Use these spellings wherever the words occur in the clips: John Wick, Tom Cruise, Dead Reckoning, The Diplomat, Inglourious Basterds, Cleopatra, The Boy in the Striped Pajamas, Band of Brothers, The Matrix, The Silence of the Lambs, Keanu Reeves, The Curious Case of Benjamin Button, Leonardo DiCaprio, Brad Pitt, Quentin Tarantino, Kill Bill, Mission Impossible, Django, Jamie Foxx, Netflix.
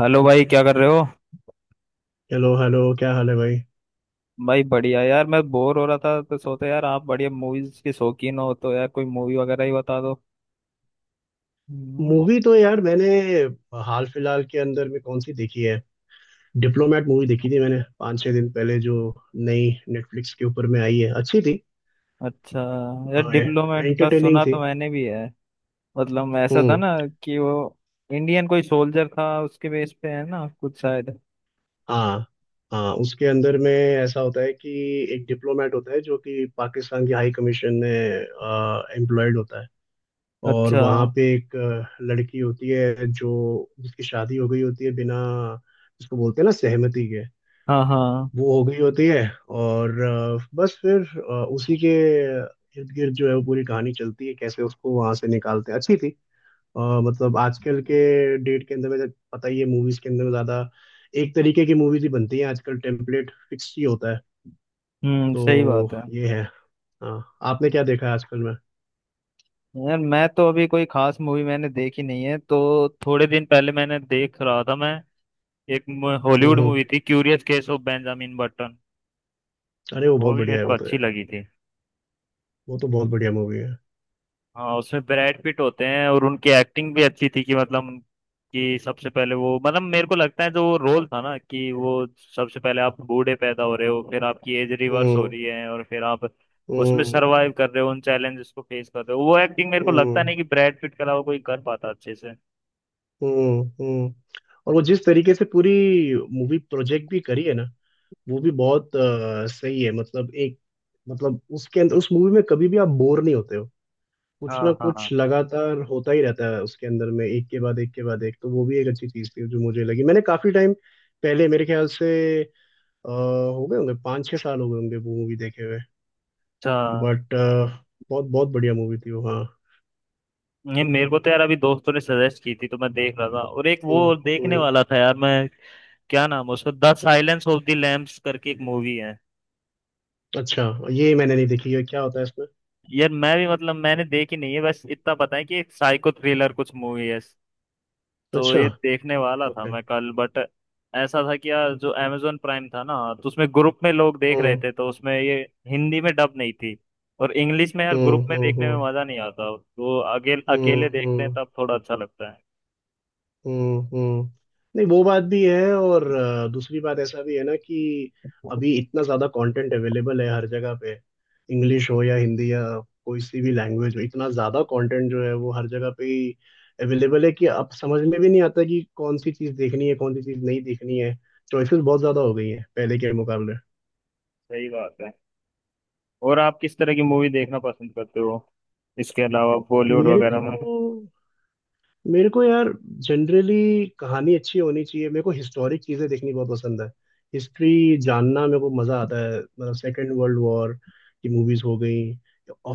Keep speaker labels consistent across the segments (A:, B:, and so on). A: Hello भाई, क्या कर रहे हो?
B: हेलो हेलो क्या हाल है भाई।
A: भाई बढ़िया यार, मैं बोर हो रहा था तो सोचा यार, आप बढ़िया मूवीज के शौकीन हो तो यार कोई मूवी वगैरह ही बता दो। हम्म।
B: मूवी तो यार मैंने हाल फिलहाल के अंदर में कौन सी देखी है। डिप्लोमेट मूवी देखी थी मैंने पाँच छह दिन पहले जो नई नेटफ्लिक्स के ऊपर में आई है, अच्छी थी,
A: अच्छा, यार डिप्लोमेट का
B: एंटरटेनिंग
A: सुना
B: थी।
A: तो मैंने भी है। मतलब ऐसा था
B: हम्म।
A: ना कि वो इंडियन कोई सोल्जर था, उसके बेस पे है ना कुछ शायद।
B: हाँ, हाँ उसके अंदर में ऐसा होता है कि एक डिप्लोमेट होता है जो कि पाकिस्तान की हाई कमीशन में एम्प्लॉयड होता है। और
A: अच्छा।
B: वहाँ पे एक लड़की होती है जो जिसकी शादी हो गई होती है बिना जिसको बोलते हैं ना सहमति के
A: हाँ हाँ।
B: वो हो गई होती है। और बस फिर उसी के इर्द गिर्द जो है वो पूरी कहानी चलती है कैसे उसको वहां से निकालते हैं। अच्छी थी। मतलब आजकल के डेट के अंदर में जब पता ही है मूवीज के अंदर में ज्यादा एक तरीके की मूवीज ही बनती हैं आजकल, टेम्पलेट फिक्स ही होता है।
A: हम्म, सही
B: तो
A: बात है।
B: ये है। हाँ, आपने क्या देखा है आजकल में।
A: यार मैं तो अभी कोई खास मूवी मैंने देखी नहीं है, तो थोड़े दिन पहले मैंने देख रहा था, मैं एक
B: हम्म।
A: हॉलीवुड
B: हम्म।
A: मूवी थी curious case of Benjamin Button.
B: अरे वो
A: वो
B: बहुत
A: भी मेरे
B: बढ़िया है
A: को
B: वो तो
A: अच्छी
B: यार,
A: लगी थी।
B: वो तो बहुत बढ़िया मूवी है।
A: हाँ, उसमें ब्रैड पिट होते हैं और उनकी एक्टिंग भी अच्छी थी कि मतलब कि सबसे पहले वो मतलब मेरे को लगता है जो वो रोल था ना कि वो सबसे पहले आप बूढ़े पैदा हो रहे हो, फिर आपकी एज रिवर्स हो
B: हम्म
A: रही है और फिर आप उसमें
B: हम्म
A: सरवाइव कर रहे हो, उन चैलेंजेस को फेस कर रहे हो। वो एक्टिंग मेरे को लगता
B: हम्म
A: नहीं कि ब्रैड पिट के अलावा कोई कर पाता अच्छे से।
B: हम्म हम्म। और वो जिस तरीके से पूरी मूवी प्रोजेक्ट भी करी है ना, वो भी बहुत सही है। मतलब एक मतलब उसके अंदर उस मूवी में कभी भी आप बोर नहीं होते हो। कुछ ना
A: हाँ
B: कुछ
A: हाँ।
B: लगातार होता ही रहता है उसके अंदर में एक के बाद एक के बाद एक, तो वो भी एक अच्छी चीज थी जो मुझे लगी। मैंने काफी टाइम पहले मेरे ख्याल से अ, हो गए होंगे पाँच छह साल हो गए होंगे वो मूवी देखे हुए,
A: अच्छा,
B: बट बहुत बहुत बढ़िया मूवी थी वो। हाँ।
A: ये मेरे को तो यार अभी दोस्तों ने सजेस्ट की थी तो मैं देख रहा था और एक
B: हम्म।
A: वो देखने
B: हम्म।
A: वाला था यार मैं। क्या नाम है उसका? The silence of the lambs करके एक मूवी है।
B: अच्छा, ये मैंने नहीं देखी है, क्या होता है इसमें।
A: यार मैं भी मतलब मैंने देखी नहीं है, बस इतना पता है कि एक साइको थ्रिलर कुछ मूवी है। तो
B: अच्छा,
A: ये देखने वाला था
B: ओके।
A: मैं कल, बट ऐसा था कि यार जो amazon प्राइम था ना, तो उसमें ग्रुप में लोग देख रहे
B: हम्म
A: थे तो उसमें ये हिंदी में डब नहीं थी। और इंग्लिश में यार
B: हम्म
A: ग्रुप में
B: हम्म
A: देखने में
B: हम्म
A: मजा नहीं आता, तो अकेले
B: हम्म
A: अकेले देखते हैं
B: हम्म
A: तब थोड़ा अच्छा लगता है।
B: हम्म। नहीं, वो बात भी है और दूसरी बात ऐसा भी है ना कि अभी इतना ज्यादा कंटेंट अवेलेबल है हर जगह पे, इंग्लिश हो या हिंदी या कोई सी भी लैंग्वेज हो, इतना ज्यादा कंटेंट जो है वो हर जगह पे ही अवेलेबल है कि अब समझ में भी नहीं आता कि कौन सी चीज देखनी है कौन सी चीज नहीं देखनी है। चॉइसेस बहुत ज्यादा हो गई है पहले के मुकाबले।
A: सही बात है। और आप किस तरह की मूवी देखना पसंद करते हो, इसके अलावा बॉलीवुड
B: मेरे
A: वगैरह
B: को
A: में?
B: मेरे को यार जनरली कहानी अच्छी होनी चाहिए। मेरे को हिस्टोरिक चीजें देखनी बहुत पसंद है, हिस्ट्री जानना मेरे को मजा आता है। मतलब सेकेंड वर्ल्ड वॉर की मूवीज हो गई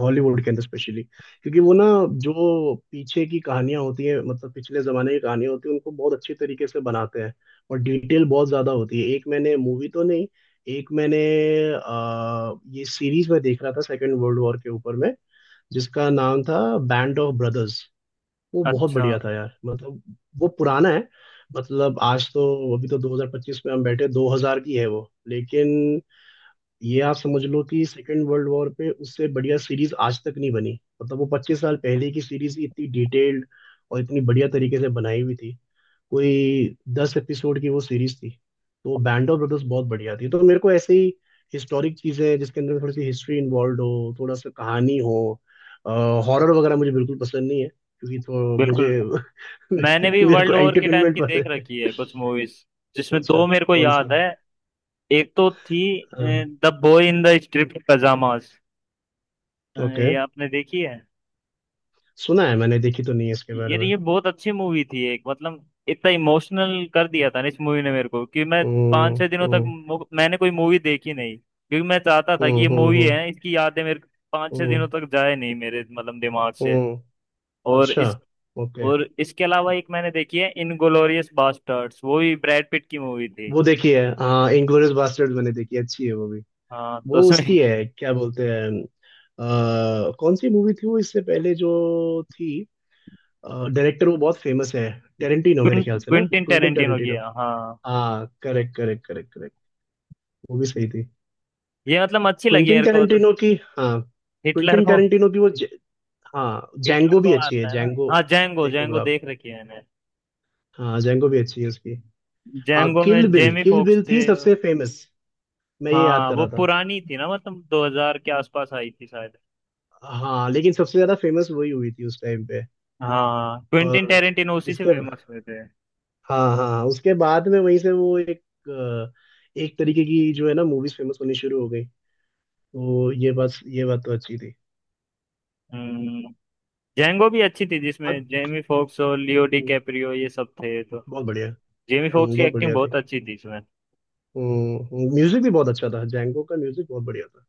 B: हॉलीवुड के अंदर स्पेशली, क्योंकि वो ना जो पीछे की कहानियां होती हैं मतलब पिछले जमाने की कहानियां होती हैं उनको बहुत अच्छी तरीके से बनाते हैं, और डिटेल बहुत ज्यादा होती है। एक मैंने मूवी तो नहीं एक मैंने आ, ये सीरीज में देख रहा था सेकेंड वर्ल्ड वॉर के ऊपर में जिसका नाम था बैंड ऑफ ब्रदर्स। वो बहुत
A: अच्छा।
B: बढ़िया था यार। मतलब वो पुराना है, मतलब आज तो अभी तो 2025 में हम बैठे, 2000 की है वो, लेकिन ये आप समझ लो कि सेकेंड वर्ल्ड वॉर पे उससे बढ़िया सीरीज आज तक नहीं बनी। मतलब वो 25 साल पहले की सीरीज ही इतनी डिटेल्ड और इतनी बढ़िया तरीके से बनाई हुई थी। कोई दस एपिसोड की वो सीरीज थी। तो बैंड ऑफ ब्रदर्स बहुत बढ़िया थी। तो मेरे को ऐसे ही हिस्टोरिक चीजें जिसके अंदर थोड़ी सी हिस्ट्री इन्वॉल्व हो, थोड़ा सा कहानी हो। हॉरर वगैरह मुझे बिल्कुल पसंद नहीं है, क्योंकि तो मुझे
A: बिल्कुल। मैंने भी
B: मेरे को
A: वर्ल्ड वॉर के टाइम
B: एंटरटेनमेंट
A: की देख
B: पसंद है।
A: रखी है कुछ मूवीज, जिसमें
B: अच्छा,
A: दो मेरे को
B: कौन सी।
A: याद है। एक तो थी
B: हाँ।
A: The boy in the striped pyjamas.
B: Okay,
A: ये आपने देखी है?
B: सुना है, मैंने देखी तो नहीं है इसके बारे
A: ये
B: में।
A: ये बहुत अच्छी मूवी थी, एक मतलब इतना इमोशनल कर दिया था ना इस मूवी ने मेरे को, कि मैं पाँच
B: हम्म।
A: छह दिनों तक मैंने कोई मूवी देखी नहीं, क्योंकि मैं चाहता था कि
B: हम्म
A: ये
B: हम्म
A: मूवी
B: हम्म
A: है इसकी यादें मेरे 5 6
B: हम्म,
A: दिनों तक जाए नहीं मेरे मतलब दिमाग से।
B: हम्म,
A: और
B: अच्छा,
A: इस
B: ओके।
A: और इसके अलावा एक मैंने देखी है इनग्लोरियस बास्टर्ड्स, वो भी ब्रैड पिट की मूवी थी।
B: वो देखी है, हाँ, इंग्लोरियस बास्टर्ड मैंने देखी है, अच्छी है वो।
A: हाँ तो
B: वो
A: उसमें
B: उसकी है, क्या बोलते हैं, कौन सी मूवी थी वो इससे पहले जो थी। डायरेक्टर वो बहुत फेमस है, टेरेंटिनो मेरे ख्याल से ना,
A: क्विंटिन
B: क्विंटन
A: टेरेंटिनो की
B: टेरेंटिनो।
A: है, हाँ,
B: हाँ, करेक्ट करेक्ट करेक्ट करेक्ट। वो भी सही थी।
A: ये मतलब अच्छी लगी
B: क्विंटन
A: मेरे को तो।
B: टेरेंटिनो की, हाँ।
A: हिटलर
B: क्विंटन
A: को
B: टेरेंटिनो की वो ज, हाँ
A: हिटलर
B: जैंगो भी
A: को
B: अच्छी है,
A: आता है ना।
B: जैंगो
A: हाँ, जैंगो
B: देखोगे
A: जैंगो
B: आप।
A: देख रखी है मैंने।
B: हाँ, जैंगो भी अच्छी है उसकी। हाँ,
A: जैंगो
B: किल
A: में
B: bill,
A: Jamie
B: kill
A: Foxx
B: bill
A: थे।
B: थी सबसे फेमस, मैं ये याद
A: हाँ,
B: कर
A: वो
B: रहा था।
A: पुरानी थी ना, मतलब 2000 के आसपास आई थी शायद।
B: हाँ, लेकिन सबसे ज्यादा फेमस वही हुई थी उस टाइम पे।
A: हाँ, क्विंटिन
B: और
A: टेरेंटिनो उसी से
B: उसके,
A: फेमस हुए थे।
B: हाँ हाँ हाँ, उसके बाद में वहीं से वो एक अ, एक तरीके की जो है ना मूवीज फेमस होनी शुरू हो गई। तो ये बात, ये बात तो अच्छी थी।
A: हम्म जैंगो भी अच्छी थी
B: हाँ।
A: जिसमें जेमी फोक्स और लियो डी
B: हम्म,
A: कैप्रियो ये सब थे, तो
B: बहुत बढ़िया।
A: जेमी फोक्स की
B: बहुत
A: एक्टिंग
B: बढ़िया
A: बहुत
B: थी।
A: अच्छी थी इसमें।
B: म्यूजिक भी बहुत अच्छा था, जैंगो का म्यूजिक बहुत बढ़िया था।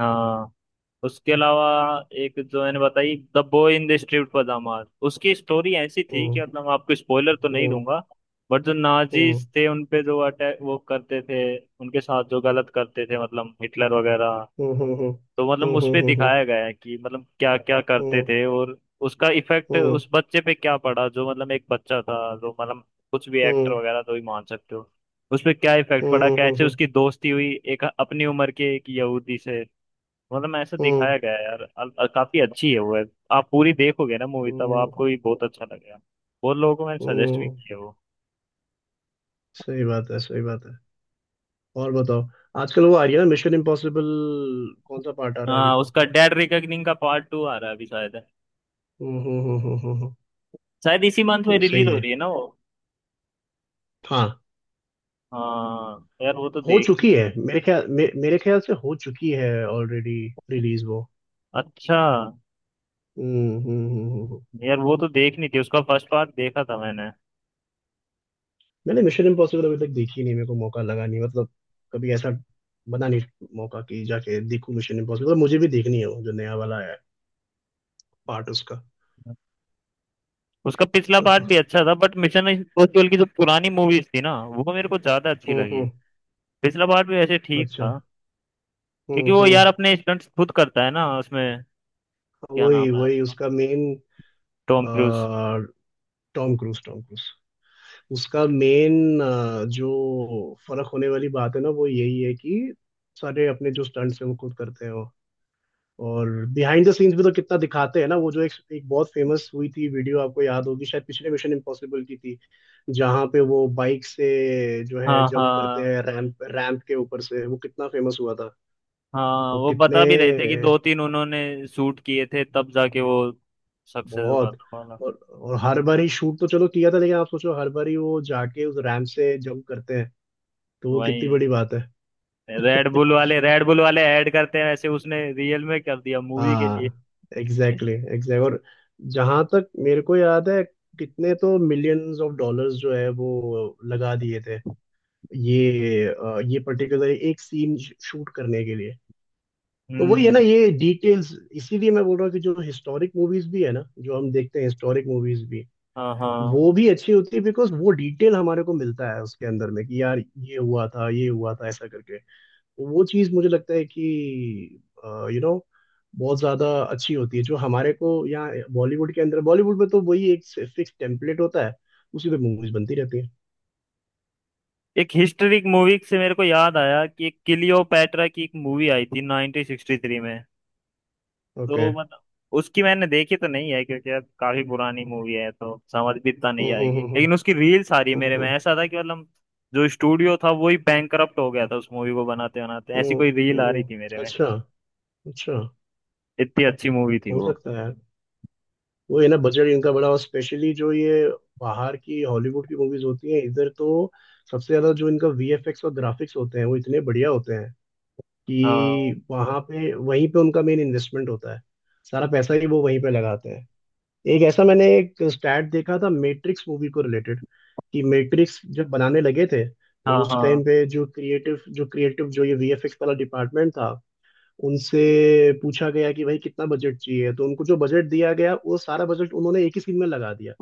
A: हाँ, उसके अलावा एक जो मैंने बताई the boy in the striped pyjama, उसकी स्टोरी ऐसी थी कि
B: हम्म।
A: मतलब आपको स्पॉइलर तो नहीं
B: हम्म,
A: दूंगा, बट जो
B: हम्म,
A: नाजीज थे उन पे जो अटैक वो करते थे, उनके साथ जो गलत करते थे मतलब हिटलर वगैरह।
B: हम्म, हम्म,
A: तो मतलब
B: हम्म,
A: उस पे
B: हम्म, हम्म,
A: दिखाया गया है कि मतलब क्या क्या करते
B: हम्म,
A: थे, और उसका इफेक्ट
B: हम्म,
A: उस बच्चे पे क्या पड़ा, जो मतलब एक बच्चा था जो मतलब कुछ भी
B: हम्म, हम्म,
A: एक्टर
B: हम्म,
A: वगैरह तो ही मान सकते हो। उस पे क्या इफेक्ट पड़ा,
B: हम्म,
A: कैसे
B: हम्म,
A: उसकी दोस्ती हुई एक अपनी उम्र के एक यहूदी से। मतलब ऐसे
B: हम्म,
A: दिखाया गया है यार काफी अच्छी है वो है। आप पूरी देखोगे ना मूवी, तब
B: हम्म,
A: आपको भी बहुत अच्छा लगेगा। बहुत लोगों को मैंने सजेस्ट भी
B: हम्म,
A: किया वो।
B: सही बात है, सही बात है। और बताओ, आजकल वो आ रही है ना मिशन इम्पॉसिबल, कौन सा पार्ट आ रहा है अभी
A: हाँ,
B: तो?
A: उसका डेड रिकनिंग का पार्ट टू आ रहा है अभी शायद।
B: हम्म।
A: शायद इसी मंथ
B: वो
A: में
B: भी
A: रिलीज
B: सही
A: हो
B: है।
A: रही है ना वो।
B: हाँ,
A: हाँ यार वो तो
B: हो चुकी
A: देखनी।
B: है मेरे ख्याल से हो चुकी है ऑलरेडी रिलीज वो।
A: अच्छा,
B: हम्म हम्म हम्म हम्म, हम्म।
A: यार वो तो देखनी थी, उसका फर्स्ट पार्ट देखा था मैंने।
B: मैंने मिशन इम्पॉसिबल अभी तक देखी नहीं, मेरे को मौका लगा नहीं। मतलब कभी ऐसा बना नहीं मौका कि जाके देखूं। मिशन इम्पॉसिबल मुझे भी देखनी है वो जो नया वाला आया है पार्ट उसका।
A: उसका पिछला पार्ट भी अच्छा था, बट मिशन इम्पॉसिबल की जो पुरानी मूवीज थी ना वो मेरे को ज्यादा अच्छी
B: हम्म।
A: लगी। पिछला पार्ट भी वैसे ठीक
B: अच्छा।
A: था। क्योंकि वो यार
B: हम्म।
A: अपने स्टंट्स खुद करता है ना उसमें।
B: हाँ,
A: क्या नाम
B: वही
A: है
B: वही
A: उसका?
B: उसका main,
A: Tom Cruise.
B: Tom Cruise, Tom Cruise. उसका मेन जो फर्क होने वाली बात है ना वो यही है कि सारे अपने जो स्टंट्स हैं वो खुद करते हैं वो। और बिहाइंड द सीन्स भी तो कितना दिखाते हैं ना वो, जो एक एक बहुत फेमस हुई थी वीडियो आपको याद होगी शायद, पिछले मिशन इम्पॉसिबल की थी, जहाँ पे वो बाइक से जो है
A: हाँ
B: जंप करते
A: हाँ
B: हैं रैंप, रैंप के ऊपर से, वो कितना फेमस हुआ था।
A: हाँ,
B: और
A: वो
B: कितने,
A: बता भी रहे थे कि दो तीन उन्होंने शूट किए थे तब जाके वो सक्सेस हुआ
B: बहुत।
A: था वाला।
B: और हर बार ही शूट तो चलो किया था लेकिन आप सोचो हर बार ही वो जाके उस रैंप से जंप करते हैं, तो वो
A: वही
B: कितनी
A: है,
B: बड़ी बात है।
A: रेड बुल वाले ऐड करते हैं ऐसे, उसने रियल में कर दिया मूवी के लिए।
B: हाँ, एग्जैक्टली exactly, एग्जैक्ट exactly। और जहां तक मेरे को याद है कितने तो मिलियंस ऑफ डॉलर्स जो है वो लगा दिए थे ये ये पर्टिकुलर एक सीन शूट करने के लिए। तो वही है ना
A: हम्म।
B: ये डिटेल्स, इसीलिए मैं बोल रहा हूँ कि जो हिस्टोरिक मूवीज भी है ना जो हम देखते हैं, हिस्टोरिक मूवीज भी
A: हाँ हाँ।
B: वो भी अच्छी होती है, बिकॉज वो डिटेल हमारे को मिलता है उसके अंदर में कि यार ये हुआ था ऐसा करके। वो चीज मुझे लगता है कि यू नो बहुत ज्यादा अच्छी होती है जो हमारे को। यहाँ बॉलीवुड के अंदर, बॉलीवुड में तो वही एक फिक्स टेम्पलेट होता है, उसी पे मूवीज बनती रहती है।
A: एक हिस्टोरिक मूवी से मेरे को याद आया कि एक क्लियोपैट्रा की एक मूवी आई थी 1963 में।
B: ओके।
A: तो मतलब उसकी मैंने देखी तो नहीं है, क्योंकि अब काफी पुरानी मूवी है तो समझ भी इतना
B: हम्म।
A: नहीं आएगी, लेकिन उसकी रील सारी
B: हम्म
A: मेरे
B: हम्म
A: में ऐसा था कि मतलब जो स्टूडियो था वो ही बैंकरप्ट हो गया था उस मूवी को बनाते बनाते, ऐसी
B: हम्म,
A: कोई रील आ रही थी मेरे में।
B: अच्छा, अच्छा।
A: इतनी अच्छी मूवी थी
B: हो
A: वो।
B: सकता है यार, वो है ना बजट इनका बड़ा, और स्पेशली जो ये बाहर की हॉलीवुड की मूवीज होती हैं इधर तो, सबसे ज्यादा जो इनका वीएफएक्स और ग्राफिक्स होते हैं वो इतने बढ़िया होते हैं
A: हाँ
B: कि वहां पे, वहीं पे उनका मेन इन्वेस्टमेंट होता है। सारा पैसा ही वो वहीं पे लगाते हैं। एक ऐसा मैंने एक स्टैट देखा था मैट्रिक्स मूवी को रिलेटेड कि मैट्रिक्स जब बनाने लगे थे, तो
A: हाँ
B: उस
A: हाँ।
B: टाइम पे जो क्रिएटिव जो क्रिएटिव जो ये वीएफएक्स वाला डिपार्टमेंट था उनसे पूछा गया कि भाई कितना बजट चाहिए, तो उनको जो बजट दिया गया वो सारा बजट उन्होंने एक ही सीन में लगा दिया,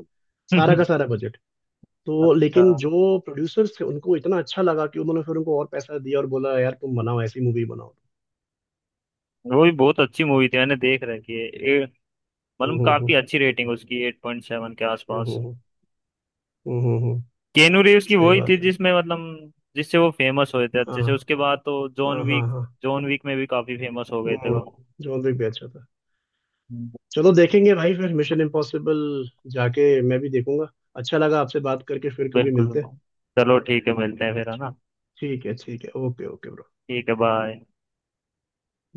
B: सारा का सारा बजट। तो
A: अच्छा,
B: लेकिन जो प्रोड्यूसर्स थे उनको इतना अच्छा लगा कि उन्होंने फिर उनको और पैसा दिया और बोला यार तुम बनाओ, ऐसी मूवी बनाओ।
A: वो भी बहुत अच्छी मूवी थी मैंने देख रखी है,
B: हम्म।
A: मतलब काफी अच्छी रेटिंग उसकी 8.7 के आसपास।
B: हम्म हम्म हम्म, हम्म,
A: केनू रीव्स की
B: सही
A: वही थी
B: बात है।
A: जिसमें मतलब जिससे वो फेमस हुए थे अच्छे से,
B: हाँ
A: उसके बाद तो जॉन
B: हाँ हाँ
A: वीक।
B: हाँ।
A: जॉन वीक में भी काफी फेमस हो गए थे
B: हम्म।
A: वो।
B: जॉन विक भी अच्छा था।
A: हम्म,
B: चलो देखेंगे भाई, फिर मिशन इम्पॉसिबल जाके मैं भी देखूंगा। अच्छा लगा आपसे बात करके, फिर कभी
A: बिल्कुल।
B: मिलते हैं।
A: चलो ठीक है, मिलते हैं फिर है ना।
B: ठीक है, ठीक है, ओके ओके ब्रो।
A: ठीक है, बाय।